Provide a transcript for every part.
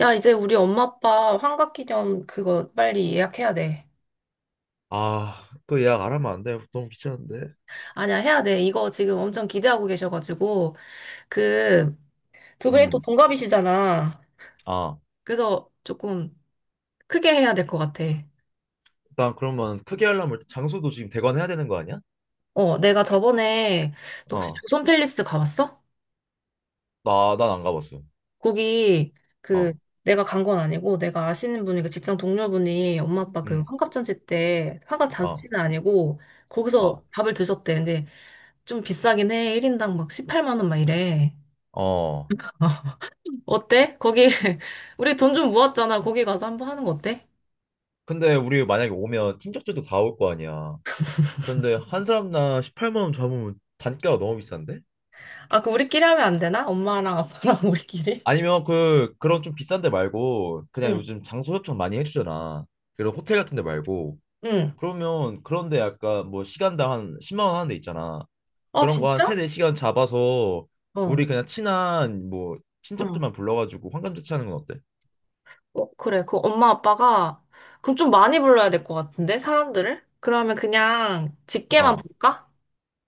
야, 이제 우리 엄마 아빠 환갑기념 그거 빨리 예약해야 돼. 아, 그 예약 안 하면 안 돼. 너무 귀찮은데. 아니야, 해야 돼. 이거 지금 엄청 기대하고 계셔가지고. 그, 두 분이 또 음, 동갑이시잖아. 아, 그래서 조금 크게 해야 될 것 같아. 일단 그러면 크게 하려면 일단 장소도 지금 대관해야 되는 거 아니야? 어, 내가 저번에, 너 혹시 어, 조선 팰리스 가봤어? 난 안 가봤어. 거기, 그, 어, 내가 간 건 아니고, 내가 아시는 분이, 그 직장 동료분이 엄마 아빠 그 응. 환갑잔치 때, 어, 환갑잔치는 아니고, 거기서 어, 밥을 드셨대. 근데 좀 비싸긴 해. 1인당 막 18만 원 막 이래. 어. 어때? 거기 우리 돈 좀 모았잖아. 거기 가서 한번 하는 거 어때? 근데 우리 만약에 오면 친척들도 다 올 거 아니야. 그런데 한 사람당 18만 원 잡으면 단가가 너무 비싼데? 아, 그 우리끼리 하면 안 되나? 엄마랑 아빠랑 우리끼리? 아니면 그런 좀 비싼 데 말고, 그냥 응, 요즘 장소 협찬 많이 해주잖아. 그런 호텔 같은 데 말고, 응. 그러면 그런데 약간 뭐 시간당 한 10만 원 하는 데 있잖아. 아, 그런 거 한 진짜? 세네 시간 잡아서 우리 어. 그냥 친한 뭐 응. 친척들만 불러가지고 환감잔치 하는 건 어때? 어, 그래. 그 엄마 아빠가 그럼 좀 많이 불러야 될 것 같은데 사람들을? 그러면 그냥 직계만 어, 부를까?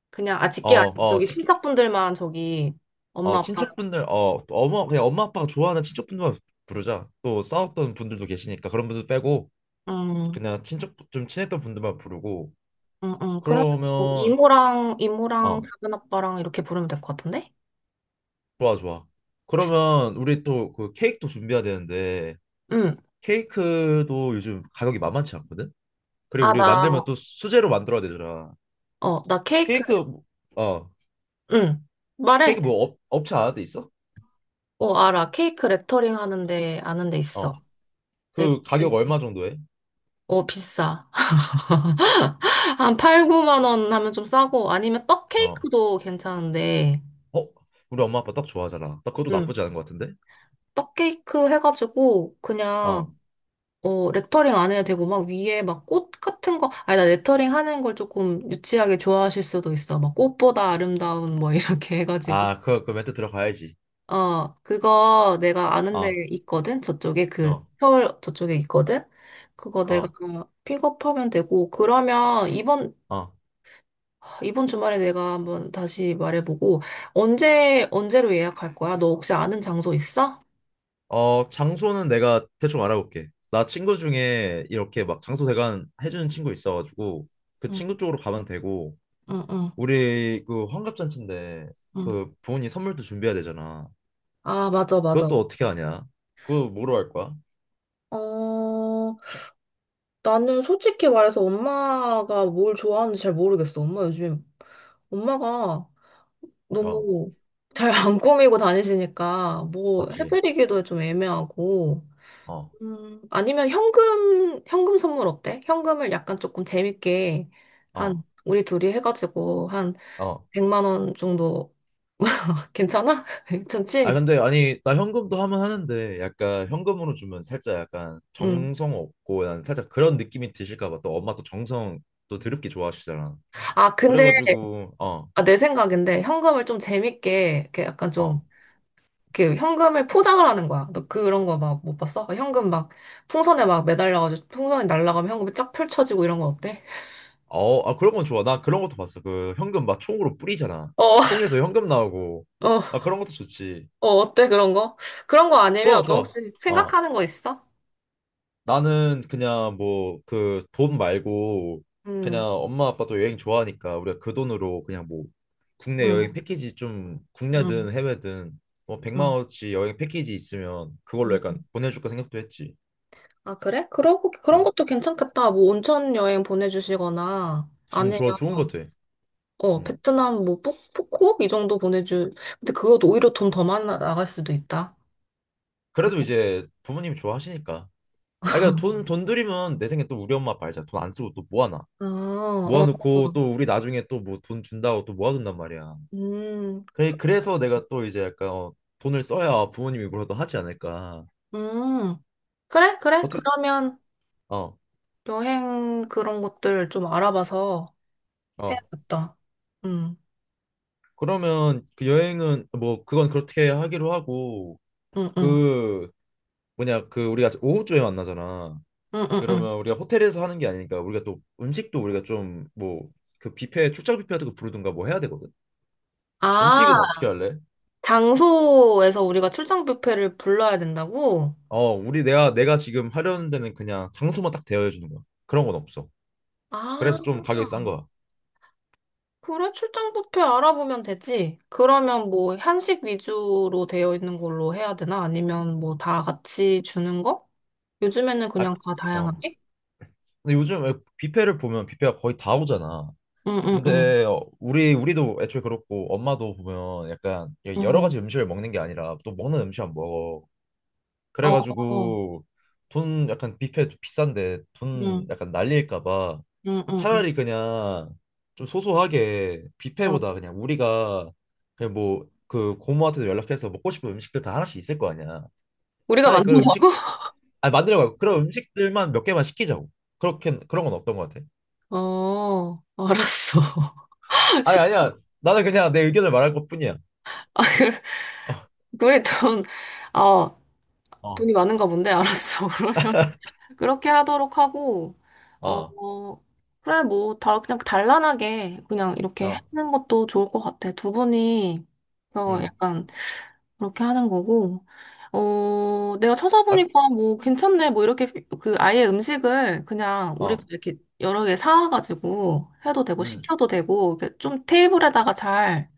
그냥 아 어, 직계 아니고 어, 저기 친척분들만 저기 엄마 어, 아빠. 친척분들, 또 엄마, 그냥 엄마 아빠가 좋아하는 친척분들만 부르자. 또 싸웠던 분들도 계시니까 그런 분들 빼고 응 그냥 친척, 좀 친했던 분들만 부르고 응 응, 그러면 뭐 그러면, 이모랑 어, 작은 아빠랑 이렇게 부르면 될 것 같은데? 좋아, 좋아. 그러면 우리 또 그 케이크도 준비해야 되는데 응. 케이크도 요즘 가격이 만만치 않거든? 그리고 아, 우리 나, 만들면 또 수제로 만들어야 되잖아. 어, 나 케이크, 케이크 뭐- 어, 응. 말해. 케이크 뭐 업체 알아돼 있어? 어, 알아. 케이크 레터링 하는데, 아는 데 어, 있어. 그 레터링. 가격 얼마 정도 해? 어, 비싸. 한 8, 9만 원 하면 좀 싸고, 아니면 떡 어, 케이크도 괜찮은데, 어? 우리 엄마 아빠 떡 좋아하잖아. 딱 그것도 음, 나쁘지 않은 것 같은데? 떡 케이크 해가지고, 그냥, 어 어, 레터링 안 해도 되고, 막 위에 막 꽃 같은 거, 아니, 나 레터링 하는 걸 조금 유치하게 좋아하실 수도 있어. 막 꽃보다 아름다운 뭐 이렇게 해가지고. 아그그 멘트 들어가야지. 어, 그거 내가 아는 데 어 있거든? 저쪽에 그, 어 서울 저쪽에 있거든? 그거 내가 어 픽업하면 되고, 그러면 이번, 어 이번 주말에 내가 한번 다시 말해보고, 언제, 언제로 예약할 거야? 너 혹시 아는 장소 있어? 어, 장소는 내가 대충 알아볼게. 나 친구 중에 이렇게 막 장소 대관 해주는 친구 있어가지고 그 응, 친구 쪽으로 가면 되고 응, 응, 우리 그 환갑잔치인데 응. 그 부모님 선물도 준비해야 되잖아. 아, 맞아, 맞아. 그것도 어떻게 하냐? 그거 뭐로 할 거야? 어, 나는 솔직히 말해서 엄마가 뭘 좋아하는지 잘 모르겠어. 엄마 요즘에, 엄마가 어, 너무 잘 안 꾸미고 다니시니까 뭐 맞지? 해드리기도 좀 애매하고. 어, 아니면 현금 선물 어때? 현금을 약간 조금 재밌게 한 어, 우리 둘이 해가지고 한 어. 100만 원 정도 괜찮아? 아, 괜찮지? 근데 아니, 나 현금도 하면 하는데 약간 현금으로 주면 살짝 약간 음. 정성 없고 난 살짝 그런 느낌이 드실까 봐. 또 엄마 또 정성 또 드럽게 좋아하시잖아. 아 근데, 그래가지고 아, 내 생각인데 현금을 좀 재밌게 이렇게 약간 좀 어. 이렇게 현금을 포장을 하는 거야. 너 그런 거 막 못 봤어? 현금 막 풍선에 막 매달려가지고 풍선이 날아가면 현금이 쫙 펼쳐지고 이런 거 어때? 어, 아 그런 건 좋아. 나 그런 것도 봤어. 그 현금 막 총으로 뿌리잖아. 어. 총에서 현금 나오고. 어, 아, 그런 것도 좋지. 어, 어때, 그런 거? 그런 거 아니면 좋아, 너 좋아. 혹시 어. 생각하는 거 있어? 나는 그냥 뭐 그 돈 말고 음, 그냥 엄마 아빠도 여행 좋아하니까 우리가 그 돈으로 그냥 뭐 국내 여행 응, 패키지 좀 응, 국내든 해외든 뭐 100만 응, 원어치 여행 패키지 있으면 그걸로 약간 응. 보내줄까 생각도 했지. 아, 그래? 그러고, 그런 어, 것도 괜찮겠다. 뭐, 온천 여행 보내주시거나, 아니면, 좋아, 좋은 것 같아. 어, 음, 베트남 뭐, 푸꾸옥? 이 정도 보내주. 근데 그것도 오히려 돈 더 많이 나갈 수도 있다. 그래도 그거. 이제 부모님이 좋아하시니까. 아, 그러니까 돈 들이면 내 생각에 또 우리 엄마 아빠 알잖아. 돈 안 쓰고 또 모아놔. 아, 어, 모아놓고 어. 또 우리 나중에 또 뭐 돈 준다고 또 모아둔단 말이야. 그래, 그치. 그래서 내가 또 이제 약간 돈을 써야 부모님이 뭐라도 하지 않을까. 음. 그래, 그래. 어떻게, 그러면 어, 여행 그런 것들 좀 알아봐서 어. 해야겠다. 음, 그러면 그 여행은 뭐 그건 그렇게 하기로 하고 음, 음. 그 뭐냐 그 우리가 오후쯤에 만나잖아. 응, 응, 응. 그러면 우리가 호텔에서 하는 게 아니니까 우리가 또 음식도 우리가 좀 뭐 그 뷔페 출장 뷔페 같은 거 부르든가 뭐 해야 되거든. 아, 음식은 어떻게 할래? 장소에서 우리가 출장 뷔페를 불러야 된다고? 어, 우리 내가 지금 하려는 데는 그냥 장소만 딱 대여해 주는 거야. 그런 건 없어. 아, 그래서 좀 가격이 싼 거야. 그래, 출장 뷔페 알아보면 되지. 그러면 뭐 한식 위주로 되어 있는 걸로 해야 되나? 아니면 뭐 다 같이 주는 거? 요즘에는 그냥 아, 다 어. 다양하게? 근데 요즘 왜 뷔페를 보면 뷔페가 거의 다 오잖아. 응, 응, 응. 근데 우리도 애초에 그렇고 엄마도 보면 약간 여러 응, 가지 음식을 먹는 게 아니라 또 먹는 음식 안 먹어. 어, 어. 그래가지고 돈 약간 뷔페 좀 비싼데 돈 응, 약간 날릴까 봐 응, 응, 응. 차라리 그냥 좀 소소하게 어. 뷔페보다 그냥 우리가 그냥 뭐 그 고모한테도 연락해서 먹고 싶은 음식들 다 하나씩 있을 거 아니야. 우리가 차라리 그 음식 만든다고? 아 만들어 봐. 그런 음식들만 몇 개만 시키자고. 그렇게 그런 건 어떤 거 같아? 어, 알았어. 아니, 시- 아니야. 나는 그냥 내 의견을 말할 것뿐이야. 아, 그래, 우리 돈, 아, 어, 돈이 많은가 본데, 알았어. 그렇게 하도록 하고, 어, 어, 어, 그래, 뭐, 다, 그냥 단란하게, 그냥 이렇게 어, 하는 것도 좋을 것 같아. 두 분이, 어, 음, 약간, 그렇게 하는 거고, 어, 내가 아, 찾아보니까 뭐, 괜찮네, 뭐, 이렇게, 그, 아예 음식을 그냥 우리가 어, 이렇게 여러 개 사와가지고 해도 되고, 음, 시켜도 되고, 이렇게 좀 테이블에다가 잘,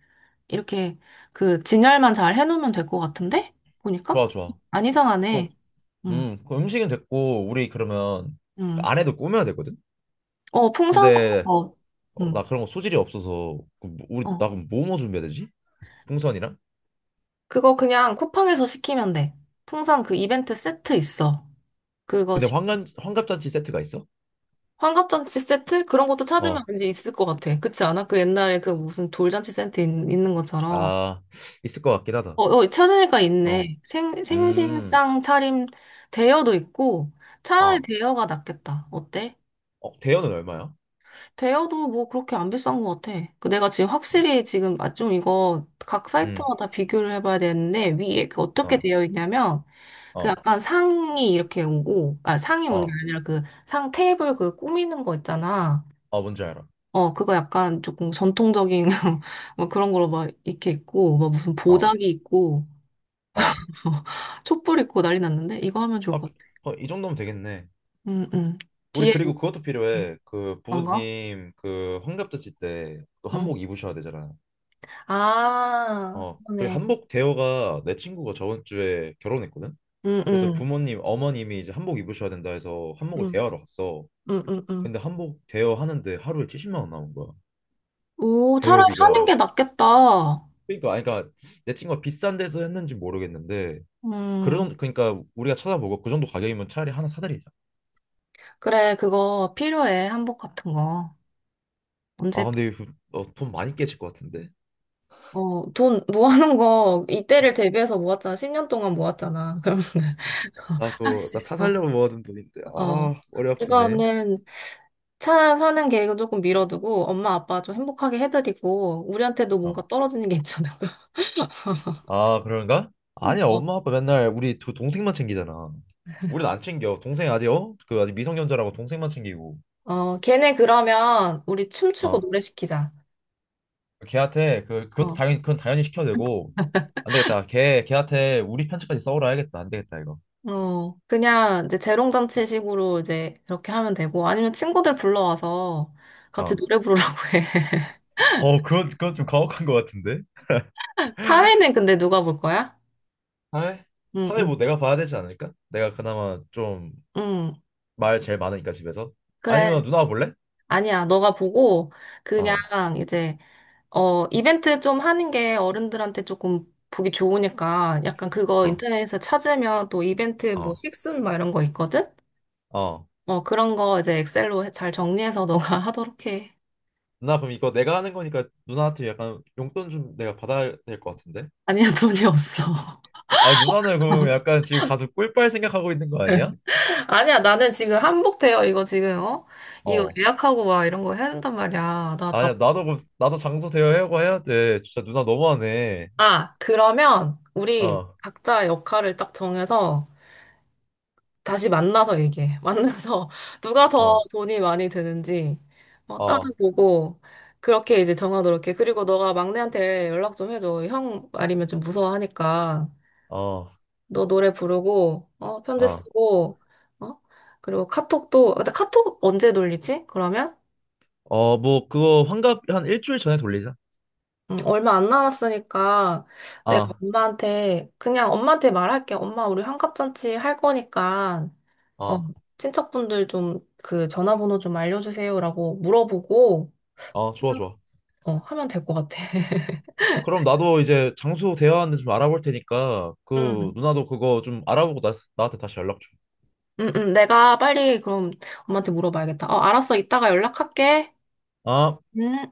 이렇게, 그, 진열만 잘 해놓으면 될 것 같은데? 보니까? 좋아, 좋아. 안 이상하네. 그럼, 응, 그 음식은 됐고, 우리 그러면 그 응. 안에도 꾸며야 되거든? 어, 풍선 같은 근데, 거. 응. 나 그런 거 소질이 없어서, 그 우리, 나 어. 그럼 뭐 뭐 준비해야 되지? 풍선이랑? 그거 그냥 쿠팡에서 시키면 돼. 풍선 그 이벤트 세트 있어. 그거 근데 시키. 환갑잔치 세트가 있어? 환갑잔치 세트? 그런 것도 찾으면 어, 왠지 있을 것 같아. 그렇지 않아? 그 옛날에 그 무슨 돌잔치 세트 있, 는 것처럼. 아, 있을 것 같긴 하다. 어, 어, 찾으니까 있네. 어, 생, 음, 생신상 차림 대여도 있고, 차라리 어, 대여가 낫겠다. 어때? 어, 대여는 얼마야? 대여도 뭐 그렇게 안 비싼 것 같아. 그 내가 지금 어, 확실히 지금 아 좀 이거 각 음, 사이트마다 비교를 해봐야 되는데 위에 그 어떻게 어, 되어 있냐면, 그 어, 약간 상이 이렇게 오고 아 상이 오는 게 어, 아니라 그 상 테이블 그 꾸미는 거 있잖아. 어, 뭔지 알아. 어 그거 약간 조금 전통적인 뭐 그런 걸로 막 이렇게 있고 막 무슨 어, 보자기 있고 어, 촛불 있고 난리 났는데 이거 하면 좋을 아, 것 그, 같아. 어, 이 정도면 되겠네. 음 음. 우리 뒤에 그리고 그것도 필요해. 그 뭔가? 부모님 그 환갑 드실 때 또 음. 한복 입으셔야 되잖아. 아, 어, 그리고 그러네. 한복 대여가 내 친구가 저번 주에 결혼했거든. 응 그래서 부모님 어머님이 이제 한복 입으셔야 된다 해서 한복을 음. 대여하러 갔어. 응, 응, 응. 근데 한복 대여 하는데 하루에 70만 원 나온 거야. 오, 차라리 사는 대여비가. 게 낫겠다. 그러니까 아니 그러니까 내 친구가 비싼 데서 했는지 모르겠는데 음, 그런 그러니까 우리가 찾아보고 그 정도 가격이면 차라리 하나 사드리자. 그래, 그거 필요해. 한복 같은 거. 아 언제, 근데 이거, 어, 돈 많이 깨질 것 같은데. 어, 돈 모아놓은 거, 이때를 대비해서 모았잖아. 10년 동안 모았잖아. 그럼, 나 할 그거 수 나 차 있어. 살려고 모아둔 돈인데 어. 아 머리 아프네. 이거는 차 사는 계획은 조금 미뤄두고, 엄마, 아빠 좀 행복하게 해드리고, 우리한테도 어. 뭔가 떨어지는 게 있잖아. 아, 그런가? 아니야, 어, 엄마 아빠 맨날 우리 두 동생만 챙기잖아. 우린 안 챙겨. 동생 아직 어? 그 아직 미성년자라고 동생만 챙기고. 어, 걔네 그러면 우리 춤추고 어. 노래 시키자. 걔한테 그것도 어. 당연히 그건 당연히 시켜야 되고. 안 되겠다. 걔 걔한테 우리 편차까지 써오라 해야겠다. 안 되겠다, 이거. 어, 그냥 이제 재롱잔치식으로 이제 그렇게 하면 되고, 아니면 친구들 불러와서 같이 어. 노래 부르라고 해. 어, 그건 좀 가혹한 것 같은데. 사회는 근데 누가 볼 거야? 사회? 응, 사회 응, 뭐 내가 봐야 되지 않을까? 내가 그나마 좀 응. 말 제일 많으니까 집에서. 아니면 그래. 누나가 볼래? 아니야. 너가 보고, 그냥 어. 이제, 어, 이벤트 좀 하는 게 어른들한테 조금 보기 좋으니까, 약간 그거 어. 인터넷에서 찾으면 또 이벤트 뭐 어. 식순 막 이런 거 있거든? 어. 어, 그런 거 이제 엑셀로 잘 정리해서 너가 하도록 해. 누나 그럼 이거 내가 하는 거니까 누나한테 약간 용돈 좀 내가 받아야 될 것 같은데? 아니야, 돈이 없어. 아니 누나는 그럼 약간 지금 가서 꿀빨 생각하고 있는 거 아니야? 아니야, 나는 지금 한복 대여 이거 지금, 어? 이거 응. 어. 예약하고 와, 이런 거 해야 된단 말이야. 나 밥. 아니야 나도 나도 장소 대여하고 해야 돼. 진짜 누나 너무하네. 아, 그러면 우리 어. 각자 역할을 딱 정해서 다시 만나서 얘기해. 만나서 누가 더 어. 돈이 많이 드는지, 어, 어. 따져보고 그렇게 이제 정하도록 해. 그리고 너가 막내한테 연락 좀 해줘. 형 말이면 좀 무서워하니까. 어. 너 노래 부르고, 어, 편지 어. 쓰고, 어? 그리고 카톡도, 아, 근데 카톡 언제 돌리지? 그러면? 어 뭐 그거 환갑 한 일주일 전에 돌리자. 얼마 안 남았으니까 내가 아. 엄마한테 그냥 엄마한테 말할게. 엄마 우리 환갑잔치 할 거니까 어, 어. 친척분들 좀 그 전화번호 좀 알려주세요라고 물어보고 어 좋아 좋아. 어, 하면 될 것 같아. 그럼 나도 이제 장소 대여하는데 좀 알아볼 테니까 그 음, 누나도 그거 좀 알아보고 나한테 다시 연락 줘. 내가 빨리 그럼 엄마한테 물어봐야겠다. 어, 알았어. 이따가 연락할게. 아. 음.